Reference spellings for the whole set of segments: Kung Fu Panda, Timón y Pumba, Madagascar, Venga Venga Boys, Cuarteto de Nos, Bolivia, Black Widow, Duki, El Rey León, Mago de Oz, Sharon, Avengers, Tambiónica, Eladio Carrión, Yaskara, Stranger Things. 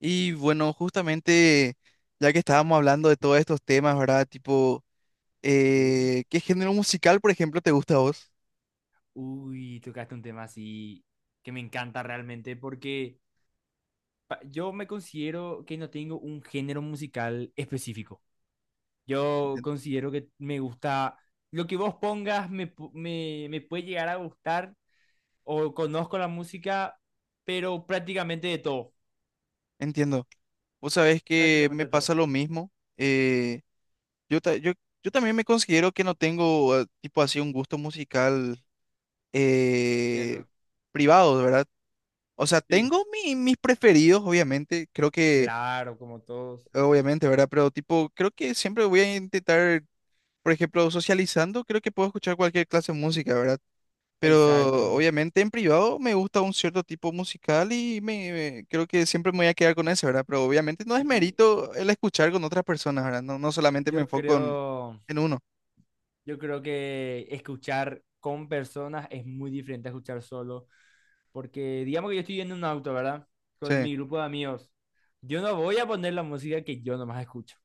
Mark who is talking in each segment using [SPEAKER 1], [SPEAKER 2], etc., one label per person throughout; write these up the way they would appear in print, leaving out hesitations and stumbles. [SPEAKER 1] Y bueno, justamente ya que estábamos hablando de todos estos temas, ¿verdad? Tipo,
[SPEAKER 2] Sí.
[SPEAKER 1] ¿qué género musical, por ejemplo, te gusta a vos?
[SPEAKER 2] Uy, tocaste un tema así que me encanta realmente porque yo me considero que no tengo un género musical específico. Yo
[SPEAKER 1] Entiendo.
[SPEAKER 2] considero que me gusta lo que vos pongas, me puede llegar a gustar o conozco la música, pero prácticamente de todo.
[SPEAKER 1] Entiendo. Vos sabés que
[SPEAKER 2] Prácticamente
[SPEAKER 1] me
[SPEAKER 2] de todo.
[SPEAKER 1] pasa lo mismo. eh, yo, ta- yo, yo también me considero que no tengo, tipo así, un gusto musical eh,
[SPEAKER 2] Entiendo.
[SPEAKER 1] privado, ¿verdad? O sea,
[SPEAKER 2] Sí,
[SPEAKER 1] mis preferidos, obviamente. Creo que,
[SPEAKER 2] claro, como todos.
[SPEAKER 1] obviamente, ¿verdad? Pero tipo, creo que siempre voy a intentar. Por ejemplo, socializando, creo que puedo escuchar cualquier clase de música, ¿verdad? Pero
[SPEAKER 2] Exacto.
[SPEAKER 1] obviamente en privado me gusta un cierto tipo musical y creo que siempre me voy a quedar con ese, ¿verdad? Pero obviamente no es
[SPEAKER 2] Sí,
[SPEAKER 1] mérito el escuchar con otras personas, ¿verdad? No, no solamente me
[SPEAKER 2] yo
[SPEAKER 1] enfoco
[SPEAKER 2] creo.
[SPEAKER 1] en uno.
[SPEAKER 2] Yo creo que escuchar con personas es muy diferente a escuchar solo, porque digamos que yo estoy en un auto, ¿verdad? Con
[SPEAKER 1] Sí,
[SPEAKER 2] mi grupo de amigos. Yo no voy a poner la música que yo nomás escucho.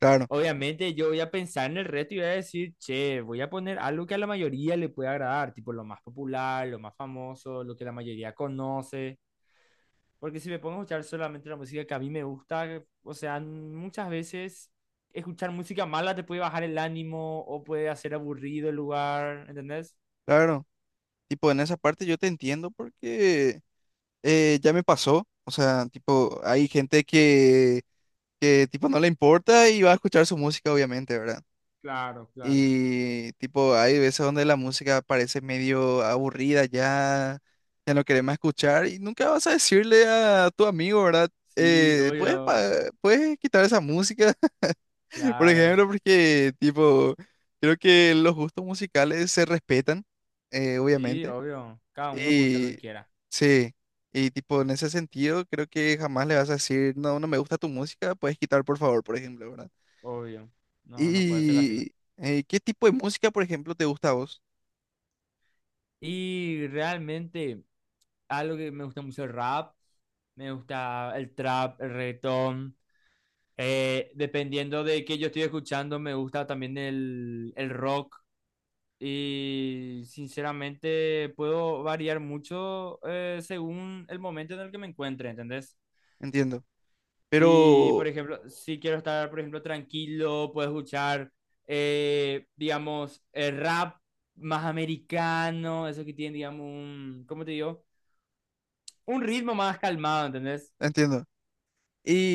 [SPEAKER 1] claro,
[SPEAKER 2] Obviamente yo voy a pensar en el resto y voy a decir, che, voy a poner algo que a la mayoría le pueda agradar, tipo lo más popular, lo más famoso, lo que la mayoría conoce. Porque si me pongo a escuchar solamente la música que a mí me gusta, o sea, muchas veces escuchar música mala te puede bajar el ánimo o puede hacer aburrido el lugar, ¿entendés?
[SPEAKER 1] claro. Tipo, en esa parte yo te entiendo porque ya me pasó. O sea, tipo, hay gente que tipo no le importa y va a escuchar su música, obviamente, ¿verdad?
[SPEAKER 2] Claro, claro.
[SPEAKER 1] Y tipo, hay veces donde la música parece medio aburrida, ya, ya no querés más escuchar y nunca vas a decirle a tu amigo, ¿verdad?
[SPEAKER 2] Sí,
[SPEAKER 1] Eh, ¿puedes, pa-
[SPEAKER 2] obvio.
[SPEAKER 1] ¿puedes quitar esa música, por
[SPEAKER 2] Claro.
[SPEAKER 1] ejemplo? Porque tipo, creo que los gustos musicales se respetan,
[SPEAKER 2] Sí,
[SPEAKER 1] obviamente.
[SPEAKER 2] obvio. Cada uno puede escuchar lo que
[SPEAKER 1] Y
[SPEAKER 2] quiera.
[SPEAKER 1] sí, y tipo, en ese sentido, creo que jamás le vas a decir, no, no me gusta tu música, puedes quitar, por favor, por ejemplo, ¿verdad?
[SPEAKER 2] Obvio. No, no puede ser así.
[SPEAKER 1] Y, ¿qué tipo de música, por ejemplo, te gusta a vos?
[SPEAKER 2] Y realmente algo que me gusta mucho el rap, me gusta el trap, el reggaetón, dependiendo de qué yo estoy escuchando, me gusta también el rock. Y sinceramente puedo variar mucho según el momento en el que me encuentre, ¿entendés?
[SPEAKER 1] Entiendo.
[SPEAKER 2] Si,
[SPEAKER 1] Pero,
[SPEAKER 2] por ejemplo, si quiero estar, por ejemplo, tranquilo, puedo escuchar, digamos, el rap más americano, eso que tiene, digamos, un, ¿cómo te digo? Un ritmo más calmado, ¿entendés?
[SPEAKER 1] entiendo.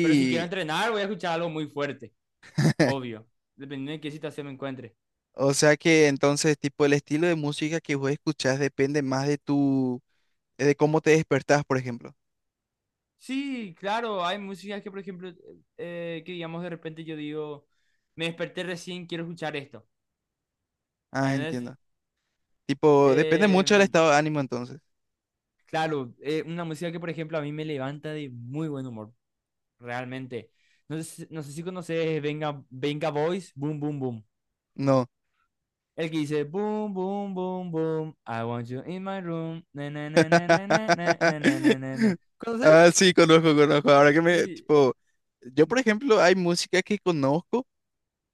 [SPEAKER 2] Pero si quiero entrenar, voy a escuchar algo muy fuerte, obvio, dependiendo de qué situación me encuentre.
[SPEAKER 1] o sea que entonces, tipo, el estilo de música que vos escuchás depende más de tu, de cómo te despertás, por ejemplo.
[SPEAKER 2] Sí, claro, hay músicas que, por ejemplo, que digamos de repente yo digo, me desperté recién, quiero escuchar esto.
[SPEAKER 1] Ah,
[SPEAKER 2] Entonces,
[SPEAKER 1] entiendo. Tipo, depende mucho del
[SPEAKER 2] em,
[SPEAKER 1] estado de ánimo entonces.
[SPEAKER 2] claro, una música que, por ejemplo, a mí me levanta de muy buen humor, realmente. No sé, no sé si conoces Venga, Venga Boys, Boom Boom Boom.
[SPEAKER 1] No.
[SPEAKER 2] El que dice Boom Boom Boom Boom, I want you in my room, na na na na na na na na na na na na. ¿Conoces?
[SPEAKER 1] Ah, sí, conozco, conozco. Ahora que me,
[SPEAKER 2] Sí.
[SPEAKER 1] tipo, yo, por ejemplo, hay música que conozco,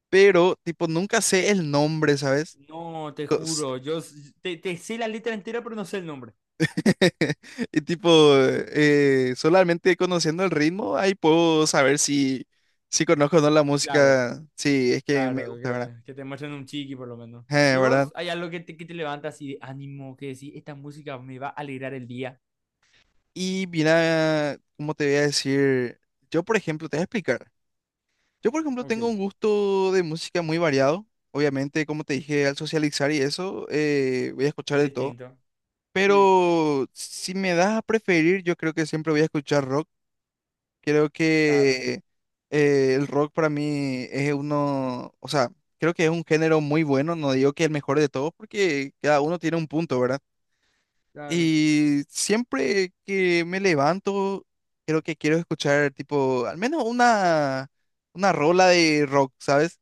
[SPEAKER 1] pero, tipo, nunca sé el nombre, ¿sabes?
[SPEAKER 2] No, te juro, te, te sé la letra entera, pero no sé el nombre.
[SPEAKER 1] Y tipo, solamente conociendo el ritmo, ahí puedo saber si, si conozco o no la
[SPEAKER 2] Claro,
[SPEAKER 1] música, si es que me
[SPEAKER 2] claro,
[SPEAKER 1] gusta, ¿verdad?
[SPEAKER 2] que te muestren un chiqui por lo menos. ¿Y
[SPEAKER 1] ¿Verdad?
[SPEAKER 2] vos? ¿Hay algo que te levanta así de ánimo, que decís, esta música me va a alegrar el día?
[SPEAKER 1] Y mira, ¿cómo te voy a decir? Yo, por ejemplo, te voy a explicar. Yo, por ejemplo,
[SPEAKER 2] Ok,
[SPEAKER 1] tengo un gusto de música muy variado. Obviamente, como te dije, al socializar y eso, voy a escuchar de todo.
[SPEAKER 2] distinto. Sí,
[SPEAKER 1] Pero si me das a preferir, yo creo que siempre voy a escuchar rock. Creo
[SPEAKER 2] claro,
[SPEAKER 1] que el rock para mí es uno, o sea, creo que es un género muy bueno, no digo que el mejor de todos porque cada uno tiene un punto, ¿verdad?
[SPEAKER 2] claro.
[SPEAKER 1] Y siempre que me levanto, creo que quiero escuchar tipo, al menos una rola de rock, ¿sabes?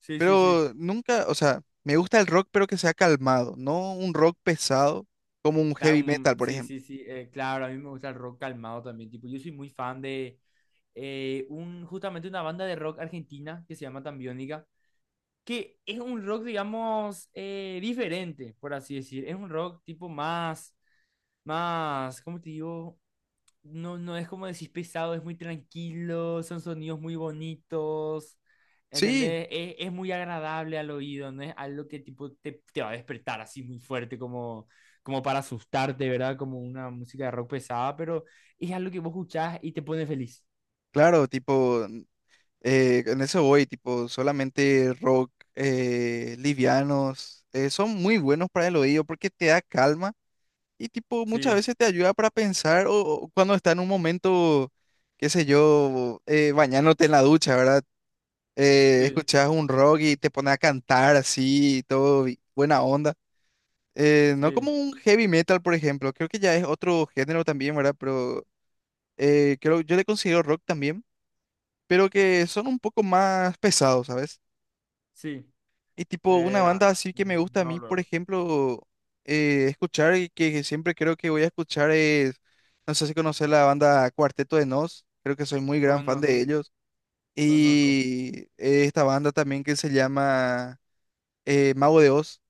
[SPEAKER 2] Sí, sí, sí.
[SPEAKER 1] Pero nunca, o sea, me gusta el rock pero que sea calmado, no un rock pesado como un heavy metal, por
[SPEAKER 2] Sí,
[SPEAKER 1] ejemplo.
[SPEAKER 2] sí, sí. Claro, a mí me gusta el rock calmado también. Tipo, yo soy muy fan de justamente una banda de rock argentina que se llama Tambiónica, que es un rock, digamos, diferente, por así decir. Es un rock tipo más, más, ¿cómo te digo? No, no es como decís pesado, es muy tranquilo, son sonidos muy bonitos,
[SPEAKER 1] Sí,
[SPEAKER 2] ¿entendés? Es muy agradable al oído, no es algo que tipo te, te va a despertar así muy fuerte como, como para asustarte, ¿verdad? Como una música de rock pesada, pero es algo que vos escuchás y te pone feliz.
[SPEAKER 1] claro, tipo... en eso voy, tipo, solamente rock, livianos, son muy buenos para el oído porque te da calma y tipo muchas
[SPEAKER 2] Sí,
[SPEAKER 1] veces te ayuda para pensar o cuando está en un momento, qué sé yo, bañándote en la ducha, ¿verdad?
[SPEAKER 2] sí,
[SPEAKER 1] Escuchas un rock y te pones a cantar así, y todo buena onda. No como
[SPEAKER 2] sí,
[SPEAKER 1] un heavy metal, por ejemplo, creo que ya es otro género también, ¿verdad? Pero creo, yo le considero rock también, pero que son un poco más pesados, ¿sabes?
[SPEAKER 2] sí.
[SPEAKER 1] Y tipo, una
[SPEAKER 2] Ah,
[SPEAKER 1] banda así que me gusta a
[SPEAKER 2] no
[SPEAKER 1] mí, por
[SPEAKER 2] luego.
[SPEAKER 1] ejemplo, escuchar y que siempre creo que voy a escuchar es, no sé si conoces la banda Cuarteto de Nos, creo que soy muy gran fan
[SPEAKER 2] Conozco,
[SPEAKER 1] de ellos.
[SPEAKER 2] conozco.
[SPEAKER 1] Y esta banda también que se llama Mago de Oz.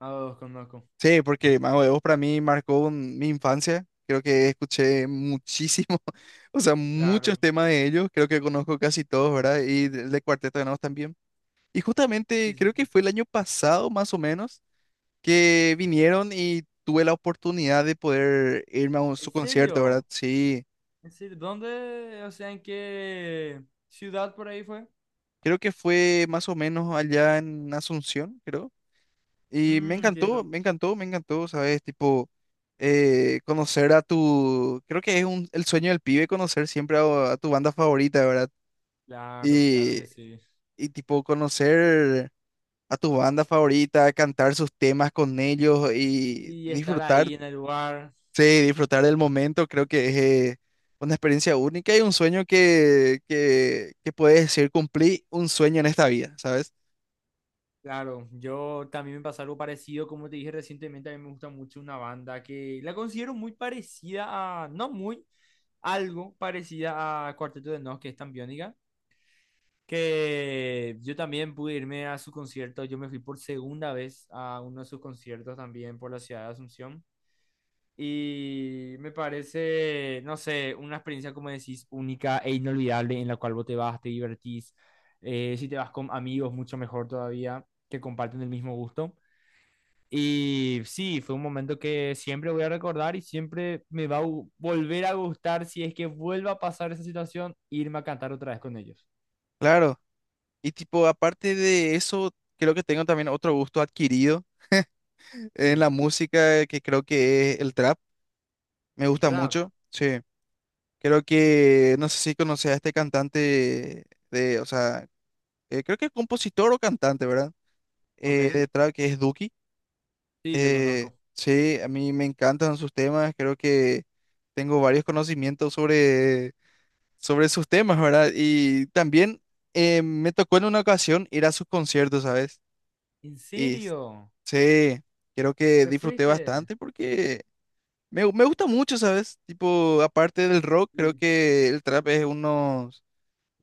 [SPEAKER 2] A dos conozco.
[SPEAKER 1] Sí, porque Mago de Oz para mí mi infancia. Creo que escuché muchísimo, o sea, muchos
[SPEAKER 2] Claro.
[SPEAKER 1] temas de ellos. Creo que conozco casi todos, ¿verdad? Y de Cuarteto de Nos también. Y
[SPEAKER 2] Sí,
[SPEAKER 1] justamente
[SPEAKER 2] sí,
[SPEAKER 1] creo que
[SPEAKER 2] sí.
[SPEAKER 1] fue el año pasado, más o menos, que vinieron y tuve la oportunidad de poder irme a su
[SPEAKER 2] ¿En
[SPEAKER 1] concierto, ¿verdad?
[SPEAKER 2] serio?
[SPEAKER 1] Sí,
[SPEAKER 2] Es decir, ¿dónde? O sea, ¿en qué ciudad por ahí fue?
[SPEAKER 1] creo que fue más o menos allá en Asunción, creo. Y me
[SPEAKER 2] Mm,
[SPEAKER 1] encantó,
[SPEAKER 2] entiendo.
[SPEAKER 1] me encantó, me encantó, ¿sabes? Tipo, conocer a tu, creo que es un, el sueño del pibe conocer siempre a tu banda favorita, ¿verdad?
[SPEAKER 2] Claro, claro
[SPEAKER 1] Y,
[SPEAKER 2] que sí.
[SPEAKER 1] y tipo, conocer a tu banda favorita, cantar sus temas con ellos y
[SPEAKER 2] Sí, estar
[SPEAKER 1] disfrutar.
[SPEAKER 2] ahí en el lugar.
[SPEAKER 1] Sí, disfrutar del momento creo que es eh, una experiencia única y un sueño que puedes decir cumplí un sueño en esta vida, ¿sabes?
[SPEAKER 2] Claro, yo también me pasó algo parecido, como te dije recientemente, a mí me gusta mucho una banda que la considero muy parecida a, no muy, algo parecida a Cuarteto de Nos, que es tan que yo también pude irme a su concierto, yo me fui por segunda vez a uno de sus conciertos también por la ciudad de Asunción. Y me parece, no sé, una experiencia, como decís, única e inolvidable en la cual vos te vas, te divertís. Si te vas con amigos, mucho mejor todavía, que comparten el mismo gusto. Y sí, fue un momento que siempre voy a recordar y siempre me va a gu- volver a gustar si es que vuelva a pasar esa situación, irme a cantar otra vez con ellos.
[SPEAKER 1] Claro. Y tipo, aparte de eso, creo que tengo también otro gusto adquirido en
[SPEAKER 2] Sí,
[SPEAKER 1] la música que creo que es el trap. Me
[SPEAKER 2] el
[SPEAKER 1] gusta
[SPEAKER 2] trap,
[SPEAKER 1] mucho. Sí. Creo que, no sé si conoces a este cantante de, o sea, creo que es compositor o cantante, ¿verdad?
[SPEAKER 2] ok.
[SPEAKER 1] De trap que es Duki.
[SPEAKER 2] Sí, lo conozco.
[SPEAKER 1] Sí, a mí me encantan sus temas, creo que tengo varios conocimientos sobre, sobre sus temas, ¿verdad? Y también me tocó en una ocasión ir a sus conciertos, ¿sabes?
[SPEAKER 2] ¿En
[SPEAKER 1] Y
[SPEAKER 2] serio?
[SPEAKER 1] sí, creo que
[SPEAKER 2] ¿Te
[SPEAKER 1] disfruté
[SPEAKER 2] fuiste?
[SPEAKER 1] bastante porque me gusta mucho, ¿sabes? Tipo, aparte del rock, creo
[SPEAKER 2] Sí.
[SPEAKER 1] que el trap es uno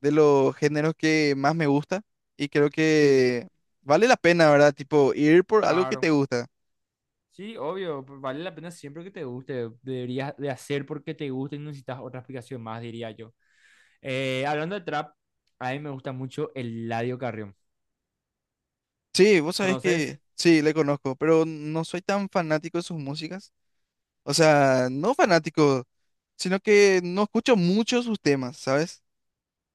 [SPEAKER 1] de los géneros que más me gusta y creo
[SPEAKER 2] Sí,
[SPEAKER 1] que vale la pena, ¿verdad? Tipo, ir por algo que te
[SPEAKER 2] claro.
[SPEAKER 1] gusta.
[SPEAKER 2] Sí, obvio, vale la pena siempre que te guste. Deberías de hacer porque te gusta y no necesitas otra explicación más, diría yo. Hablando de trap, a mí me gusta mucho el Eladio Carrión.
[SPEAKER 1] Sí, vos sabés
[SPEAKER 2] ¿Conoces?
[SPEAKER 1] que sí, le conozco, pero no soy tan fanático de sus músicas. O sea, no fanático, sino que no escucho mucho sus temas, ¿sabes?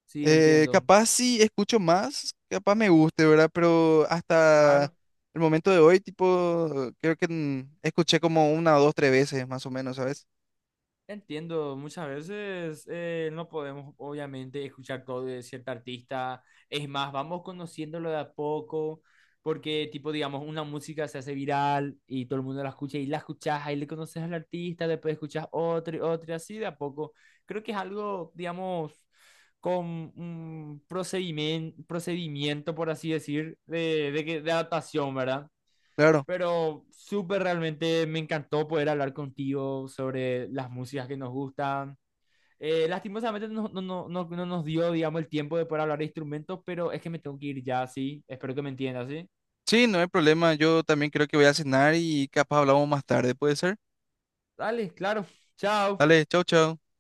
[SPEAKER 2] Sí, entiendo.
[SPEAKER 1] Capaz sí escucho más, capaz me guste, ¿verdad? Pero hasta
[SPEAKER 2] Claro.
[SPEAKER 1] el momento de hoy, tipo, creo que escuché como una dos, tres veces más o menos, ¿sabes?
[SPEAKER 2] Entiendo, muchas veces no podemos obviamente escuchar todo de cierta artista, es más, vamos conociéndolo de a poco, porque tipo, digamos, una música se hace viral y todo el mundo la escucha y la escuchás, ahí le conoces al artista, después escuchas otro y otro y así de a poco. Creo que es algo, digamos, con un procedimiento, procedimiento por así decir, de adaptación, ¿verdad?
[SPEAKER 1] Claro.
[SPEAKER 2] Pero súper realmente me encantó poder hablar contigo sobre las músicas que nos gustan. Lastimosamente no nos dio, digamos, el tiempo de poder hablar de instrumentos, pero es que me tengo que ir ya, sí. Espero que me entiendas, sí.
[SPEAKER 1] Sí, no hay problema. Yo también creo que voy a cenar y capaz hablamos más tarde, ¿puede ser?
[SPEAKER 2] Dale, claro. Chao.
[SPEAKER 1] Dale, chau, chau.